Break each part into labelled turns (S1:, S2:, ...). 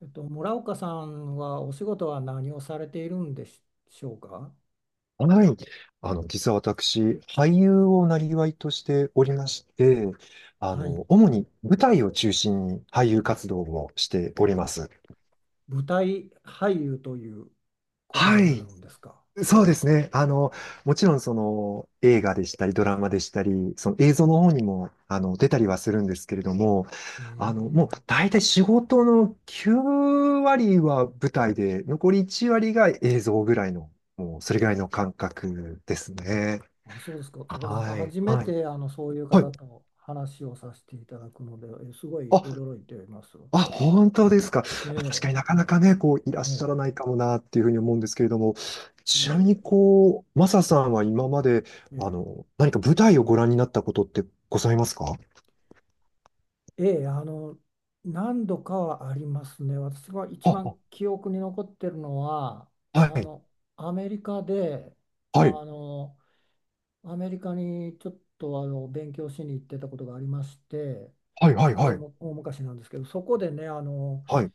S1: 村岡さんはお仕事は何をされているんでしょうか？
S2: はい。実は私、俳優をなりわいとしておりまして、
S1: はい。
S2: 主に舞台を中心に俳優活動をしております。
S1: 舞台俳優ということ
S2: は
S1: になる
S2: い。
S1: んですか？
S2: そうですね。もちろんその映画でしたり、ドラマでしたり、その映像の方にも、出たりはするんですけれども、
S1: え、
S2: もう大体仕事の9割は舞台で、残り1割が映像ぐらいの、もうそ
S1: ええ。
S2: れぐらいの感覚ですね。
S1: あ、そうですか。私、
S2: はい。
S1: 初め
S2: はい。
S1: てそういう
S2: は
S1: 方
S2: い。
S1: と話をさせていただくので、すごい
S2: あ、
S1: 驚いています。
S2: あ、本当ですか。まあ確かに
S1: え
S2: なか
S1: え、
S2: なかね、こう、いらっしゃら
S1: ええ、
S2: ないかもなっていうふうに思うんですけれども、ちなみに
S1: え
S2: こう、マサさんは今まで、
S1: え、え
S2: 何か舞台をご覧になったことってございますか？
S1: え、ええ、何度かはありますね。私が一
S2: あ、あ、
S1: 番記憶に残ってるのは、あ
S2: はい、
S1: の、アメリカで、あ
S2: はい、
S1: の、アメリカにちょっと勉強しに行ってたことがありまして、
S2: はい、はい、はい、
S1: 大昔なんですけど、そこでね、
S2: はい。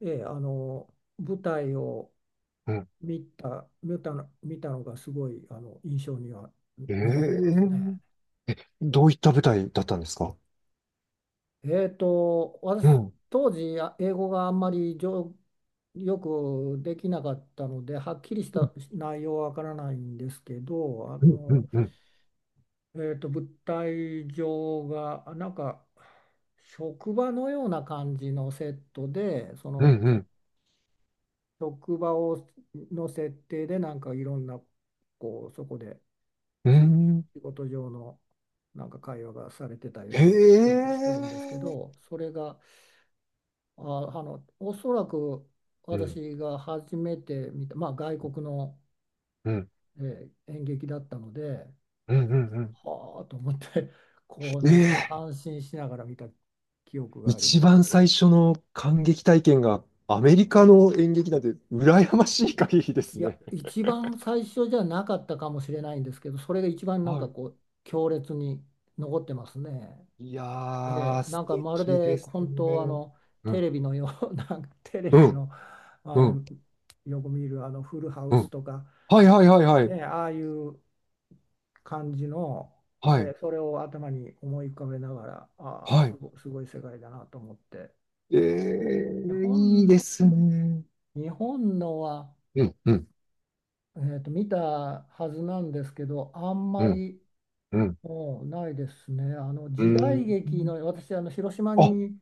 S1: ええ、あの舞台を
S2: うん。
S1: 見たのがすごい、あの印象には
S2: え
S1: 残ってます
S2: え、
S1: ね。
S2: どういった舞台だったんですか？
S1: え
S2: う
S1: 私、
S2: ん、
S1: 当時英語があんまりよくできなかったので、はっきりした内容はわからないんですけど、
S2: うん、うん、うん、
S1: 物体上がなんか職場のような感じのセットで、そ
S2: う
S1: の
S2: ん、うん。
S1: 職場の設定で、なんかいろんな、こうそこで、
S2: う
S1: し
S2: ん。
S1: 仕事上のなんか会話がされてたように記憶してるんですけ
S2: ええ。
S1: ど、それが、おそらく
S2: うん、
S1: 私が初めて見た、まあ、外国の、
S2: うん、うん、
S1: 演劇だったので。
S2: うん、うん。
S1: はあと思って、こうなんか
S2: ええ。
S1: 感心しながら見た記憶があり
S2: 一
S1: ます
S2: 番
S1: け
S2: 最
S1: ど、
S2: 初の感激体験がアメリカの演劇なんて羨ましい限りで
S1: い
S2: す
S1: や、
S2: ね。
S1: 一番最初じゃなかったかもしれないんですけど、それが一番なん
S2: は
S1: か
S2: い。
S1: こう強烈に残ってますね。
S2: いや
S1: え
S2: ー、
S1: え、
S2: 素
S1: なんかまる
S2: 敵
S1: で
S2: です
S1: 本当、あ
S2: ね。
S1: の
S2: う
S1: テ
S2: ん、
S1: レビのよう な、んかテレ
S2: う
S1: ビ
S2: ん、
S1: の、あ
S2: うん、
S1: のよく見るあのフルハウ
S2: う
S1: ス
S2: ん。
S1: とか、
S2: はい、はい、はい、はい。
S1: ね、ああいう感じの、え
S2: はい、
S1: え、それを頭に思い浮かべながら、ああ、
S2: は
S1: すごい世界だなと思って。
S2: い。
S1: 日
S2: いい
S1: 本、
S2: ですね。
S1: 日本のは、
S2: うん、うん、
S1: 見たはずなんですけど、あん
S2: う
S1: ま
S2: ん、
S1: り
S2: うん、
S1: もうないですね。あの
S2: う
S1: 時代
S2: ん。
S1: 劇の、私、あの広島
S2: あ、
S1: に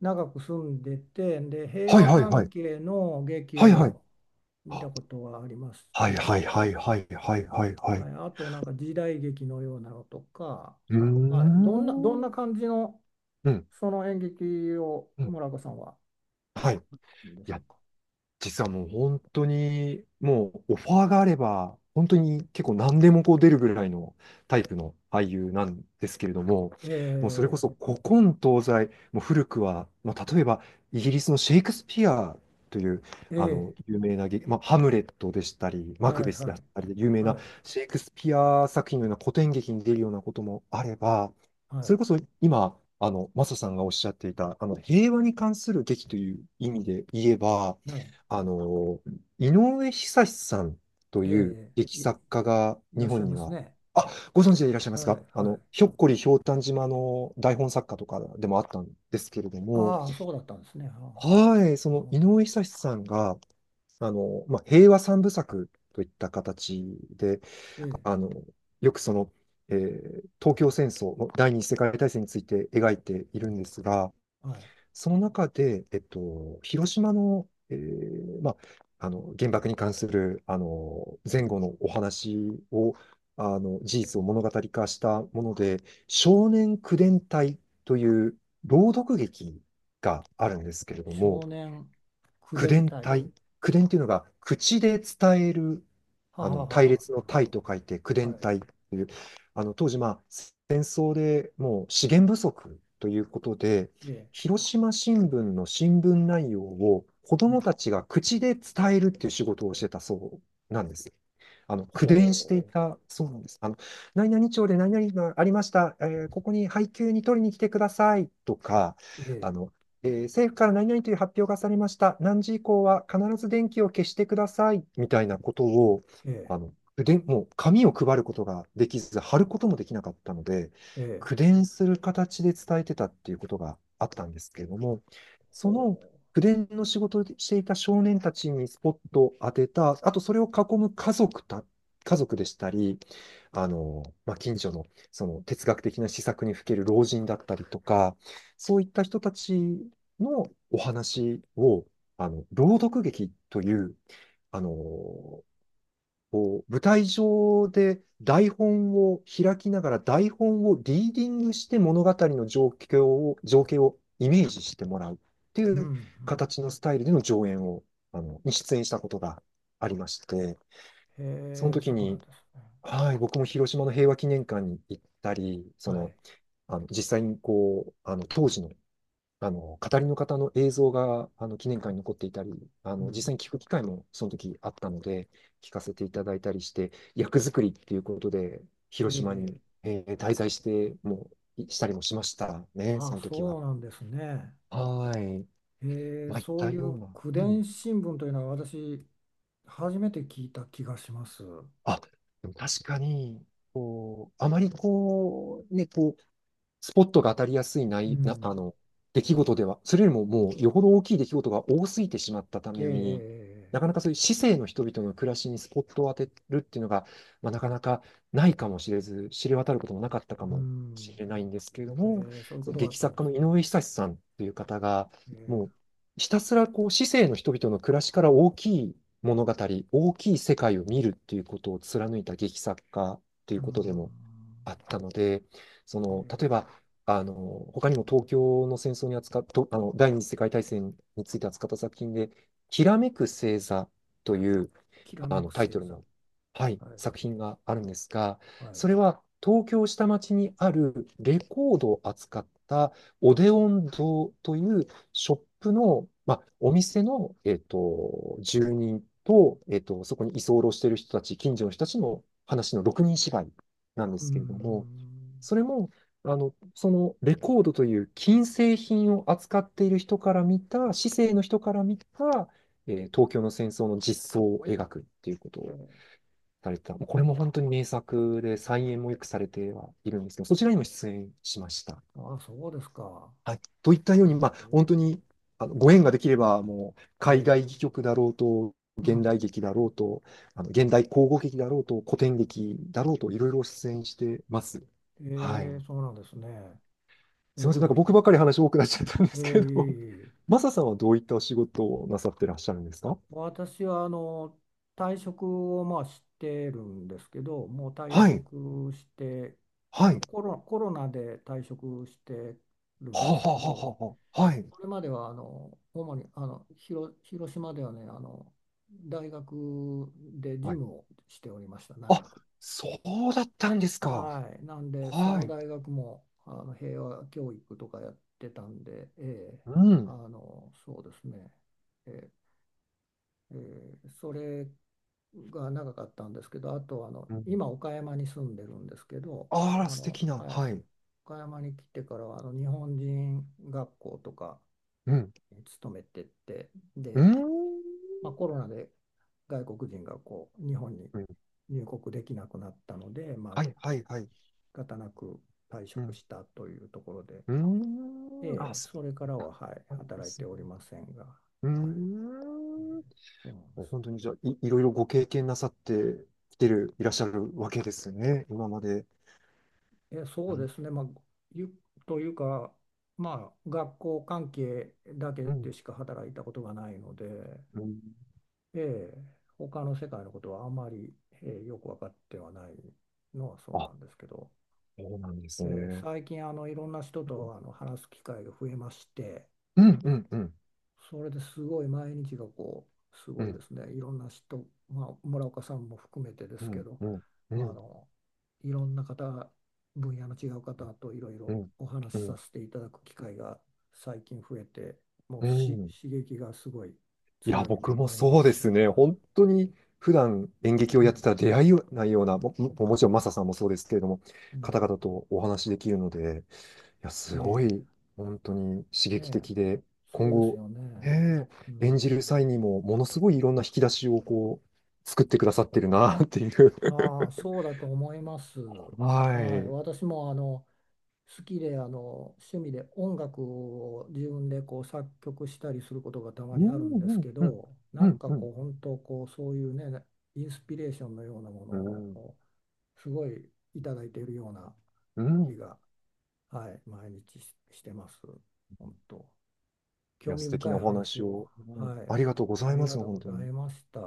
S1: 長く住んでて、で、平
S2: はい、
S1: 和
S2: はい、は
S1: 関
S2: い。
S1: 係の劇
S2: はい、はい。
S1: を見
S2: あ、
S1: たことはあります
S2: は
S1: け
S2: い、はい、は
S1: ど、
S2: い、はい、はい、はい、はい。
S1: はい、あとなんか時代劇のようなのとか、
S2: うー
S1: はい、どんな
S2: ん。
S1: 感じの
S2: うん、
S1: その演劇を
S2: うん。
S1: 村岡さんは
S2: はい。い
S1: どうでしょう
S2: や、
S1: か？
S2: 実はもう本当に、もうオファーがあれば、本当に結構何でもこう出るぐらいのタイプの俳優なんですけれども、もうそれこ
S1: え
S2: そ古今東西、もう古くは、まあ、例えばイギリスのシェイクスピアというあの
S1: え、え
S2: 有名な劇、まあ、ハムレットでしたり、マ
S1: え、
S2: ク
S1: はい
S2: ベス
S1: は
S2: だっ
S1: い。
S2: たりで有名
S1: は
S2: な
S1: い
S2: シェイクスピア作品のような古典劇に出るようなこともあれば、
S1: は
S2: そ
S1: い。
S2: れこそ今、マサさんがおっしゃっていた、平和に関する劇という意味で言えば、
S1: ね。
S2: あの、井上久志さんと
S1: え。
S2: いう
S1: え
S2: 劇
S1: え、
S2: 作家が
S1: いら
S2: 日
S1: っしゃ
S2: 本
S1: い
S2: に
S1: ます
S2: は、
S1: ね。
S2: あ、ご存知でいらっしゃいます
S1: は
S2: か？
S1: い、はい。
S2: ひょっこりひょうたん島の台本作家とかでもあったんですけれども、
S1: ああ、そうだったんですね。あ
S2: はい、そ
S1: あ、あ
S2: の井
S1: あ、
S2: 上久志さんが、まあ、平和三部作といった形で、
S1: ええ、
S2: あの、よくその、東京戦争の第二次世界大戦について描いているんですが、
S1: はい。
S2: その中で、広島の、まあ、あの原爆に関するあの前後のお話を、あの事実を物語化したもので「少年口伝隊」という朗読劇があるんですけれども、
S1: 少年口
S2: 口
S1: 伝
S2: 伝
S1: 隊。
S2: 体。口伝っていうのが、口で伝える、
S1: ははは
S2: 隊
S1: は、
S2: 列
S1: な
S2: の
S1: るほ
S2: 隊
S1: ど。
S2: と書いて、口
S1: は
S2: 伝
S1: い。
S2: 隊という、当時、まあ、戦争でもう資源不足ということで、
S1: え
S2: 広島新聞の新聞内容を子ど
S1: え、は
S2: も
S1: い。
S2: たちが口で伝えるっていう仕事をしてたそうなんです。口伝してい
S1: ほう。
S2: たそうなんです。何々町で何々がありました。ここに配給に取りに来てくださいとか、
S1: え
S2: あ
S1: え、
S2: の、政府から何々という発表がされました。何時以降は必ず電気を消してください。みたいなことを、
S1: ええ、
S2: で、もう紙を配ることができず、貼ることもできなかったので、
S1: ええ、
S2: 口伝する形で伝えてたっていうことがあったんですけれども、
S1: ほ
S2: その口伝の仕事をしていた少年たちにスポットを当てた、あとそれを囲む家族でしたり、まあ、近所のその哲学的な施策にふける老人だったりとか、そういった人たちのお話を、朗読劇という、こう、舞台上で台本を開きながら台本をリーディングして物語の情景をイメージしてもらうってい
S1: う。う
S2: う
S1: ん、
S2: 形のスタイルでの上演を、に出演したことがありまして、
S1: うん。
S2: その
S1: へえ、
S2: 時
S1: そうな
S2: に、
S1: んですね。
S2: はい、僕も広島の平和記念館に行ったり、そ
S1: は
S2: の、
S1: い。
S2: 実際にこう、当時の語りの方の映像が、記念館に残っていたり、
S1: う
S2: 実
S1: ん。
S2: 際に聞く機会もその時あったので、聞かせていただいたりして、役作りっていうことで、
S1: え
S2: 広島
S1: え、
S2: に、
S1: ええ、
S2: 滞在して、もう、いしたりもしましたね、
S1: あ
S2: そ
S1: あ、
S2: の時は。
S1: そうなんですね。
S2: はーい。
S1: え
S2: まあ、いっ
S1: そう
S2: た
S1: い
S2: よう
S1: う
S2: な。
S1: 口
S2: う
S1: 伝
S2: ん。
S1: 新聞というのは、私初めて聞いた気がします。
S2: あ、でも確かに、こう、あまりこう、ね、こう、スポットが当たりやすいな
S1: う
S2: いな、
S1: ん。
S2: 出来事では、それよりももうよほど大きい出来事が多すぎてしまったた
S1: ええ、
S2: め
S1: え
S2: に、なかな
S1: え、え
S2: かそういう市政の人々の暮らしにスポットを当てるっていうのが、まあ、なかなかないかもしれず、知れ渡ることもなかったか
S1: え、う
S2: もし
S1: ん。
S2: れないんですけれど
S1: ええ、
S2: も、
S1: ええ、そういう
S2: そ
S1: こ
S2: の
S1: とがあ
S2: 劇
S1: ったん
S2: 作
S1: で
S2: 家
S1: す
S2: の井
S1: ね。
S2: 上久志さんという方が、
S1: え
S2: もう
S1: え、
S2: ひたすらこう市政の人々の暮らしから大きい物語、大きい世界を見るっていうことを貫いた劇作家とい
S1: う
S2: う
S1: ん。
S2: ことでもあったので、その、
S1: え
S2: 例えば、
S1: え、
S2: あの、他にも東京の戦争に扱っと第二次世界大戦について扱った作品で、きらめく星座という、
S1: きらめく
S2: タイ
S1: 星
S2: トル
S1: 座。
S2: の、はい、
S1: はい。
S2: 作品があるんですが、
S1: はい。
S2: それは東京下町にあるレコードを扱ったオデオン堂というショップの、まあ、お店の、住人と、そこに居候している人たち、近所の人たちの話の6人芝居なんで
S1: う
S2: すけれども、
S1: ん。
S2: それも、そのレコードという金製品を扱っている人から見た、市井の人から見た、東京の戦争の実相を描くっていうことを
S1: ええ、
S2: されてた。もうこれも本当に名作で、再演もよくされてはいるんですけど、そちらにも出演しました。
S1: ああ、そうですか。
S2: はい。といったよ
S1: す
S2: うに、
S1: ご
S2: まあ、本
S1: い。
S2: 当に、ご縁ができれば、もう、海
S1: え
S2: 外
S1: え、
S2: 戯曲だろうと、
S1: う
S2: 現
S1: ん。
S2: 代劇だろうと、現代口語劇だろうと、古典劇だろうと、いろいろ出演してます。はい。
S1: ええ、そうなんですね。
S2: す
S1: え
S2: み
S1: っ
S2: ません、なんか
S1: と、
S2: 僕ばっかり話多くなっちゃったんで
S1: ええ、
S2: すけれど
S1: いえ
S2: も、
S1: い え。
S2: マサさんはどういったお仕事をなさってらっしゃるんですか？
S1: 私はあの退職をまあしてるんですけど、もう退
S2: はい、
S1: 職して、
S2: はい、は
S1: コロナで退職してる
S2: あ、
S1: んで
S2: は
S1: す
S2: あ、
S1: けど、
S2: はあ、はあ、はい、
S1: それまではあの主にあの広島ではね、あの大学で事
S2: はい。
S1: 務をしておりました、長
S2: あ、
S1: く。
S2: そうだったんですか。
S1: はい、なんで、そ
S2: は
S1: の
S2: い、
S1: 大学もあの平和教育とかやってたんで、ええ、
S2: うん、
S1: あのそうですね。ええ、それが長かったんですけど、あとあの
S2: うん。
S1: 今岡山に住んでるんですけど、
S2: あら、
S1: あ
S2: 素
S1: の、
S2: 敵な、
S1: はい、
S2: はい、
S1: 岡山に来てからはあの日本人学校とか
S2: うん、
S1: に勤めてて、
S2: う
S1: で、
S2: ん、
S1: まあ、コロナで外国人がこう日本に
S2: うん、
S1: 入国できなくなったので、まあ、
S2: はい、はい、はい、
S1: 仕方なく退
S2: う
S1: 職
S2: ん、
S1: したというところで、
S2: うん、あ、
S1: ええ、
S2: そう
S1: それから
S2: だ
S1: は、
S2: っ
S1: はい、
S2: たんで
S1: 働い
S2: す
S1: て
S2: ね。
S1: おりませんが、
S2: う
S1: はい、
S2: ー
S1: え
S2: ん、
S1: え、そうなんです。
S2: 本当にじゃあ、いろいろご経験なさってきてる、いらっしゃるわけですね、今まで。
S1: え、そうですね、まあ、ゆというか、まあ、学校関係だけ
S2: うん、
S1: でしか働いたことがないので、
S2: うん。
S1: ええ、他の世界のことはあまり、ええ、よく分かってはないのはそう
S2: あ、
S1: なんですけど、
S2: そうなんです
S1: ええ、
S2: ね。
S1: 最近あのいろんな人
S2: うん、
S1: とあの話す機会が増えまして、
S2: うん、うん、
S1: それですごい毎日がこう、す
S2: う
S1: ごい
S2: ん、
S1: ですね、いろんな人、まあ、村岡さんも含めてで
S2: う
S1: すけ
S2: ん、
S1: ど、
S2: うん、う
S1: あ
S2: ん、うん、
S1: のいろんな方、分野の違う方といろいろお話し
S2: う
S1: さ
S2: ん、
S1: せていただく機会が最近増えて、もう
S2: うん。
S1: 刺激がすごい
S2: いや、
S1: 強い
S2: 僕も
S1: 毎
S2: そうで
S1: 日。
S2: すね。本当に普段演劇
S1: う
S2: をやって
S1: ん、
S2: たら出会いないような、ももちろんマサさんもそうですけれども、
S1: う
S2: 方
S1: ん、
S2: 々とお話しできるので、いや、すご
S1: え
S2: い、本当に刺
S1: え、
S2: 激
S1: ね、え、
S2: 的で、今
S1: そうです
S2: 後、
S1: よね。
S2: ね
S1: う
S2: え、演じ
S1: ん。
S2: る際にも、ものすごいいろんな引き出しをこう、作ってくださってるな、っていう。
S1: ああ、そうだと思います。
S2: は
S1: はい、
S2: い。
S1: 私もあの好きで、あの趣味で音楽を自分でこう作曲したりすることがたま
S2: う
S1: にある
S2: ん、う
S1: んです
S2: ん、
S1: け
S2: うん、
S1: ど、
S2: う
S1: なん
S2: ん、
S1: か
S2: うん、
S1: こう本当こうそういうね、インスピレーションのようなもの
S2: うん、
S1: をすごいいただいているような
S2: う
S1: 気
S2: ん。
S1: が、はい、毎日、してます。本当、
S2: い
S1: 興
S2: や、
S1: 味
S2: 素敵
S1: 深
S2: な
S1: い
S2: お
S1: 話
S2: 話
S1: を。
S2: を、うん、
S1: はい、
S2: ありがとうござ
S1: あ
S2: い
S1: り
S2: ま
S1: が
S2: す、
S1: とう
S2: 本
S1: ご
S2: 当
S1: ざ
S2: に。
S1: いました。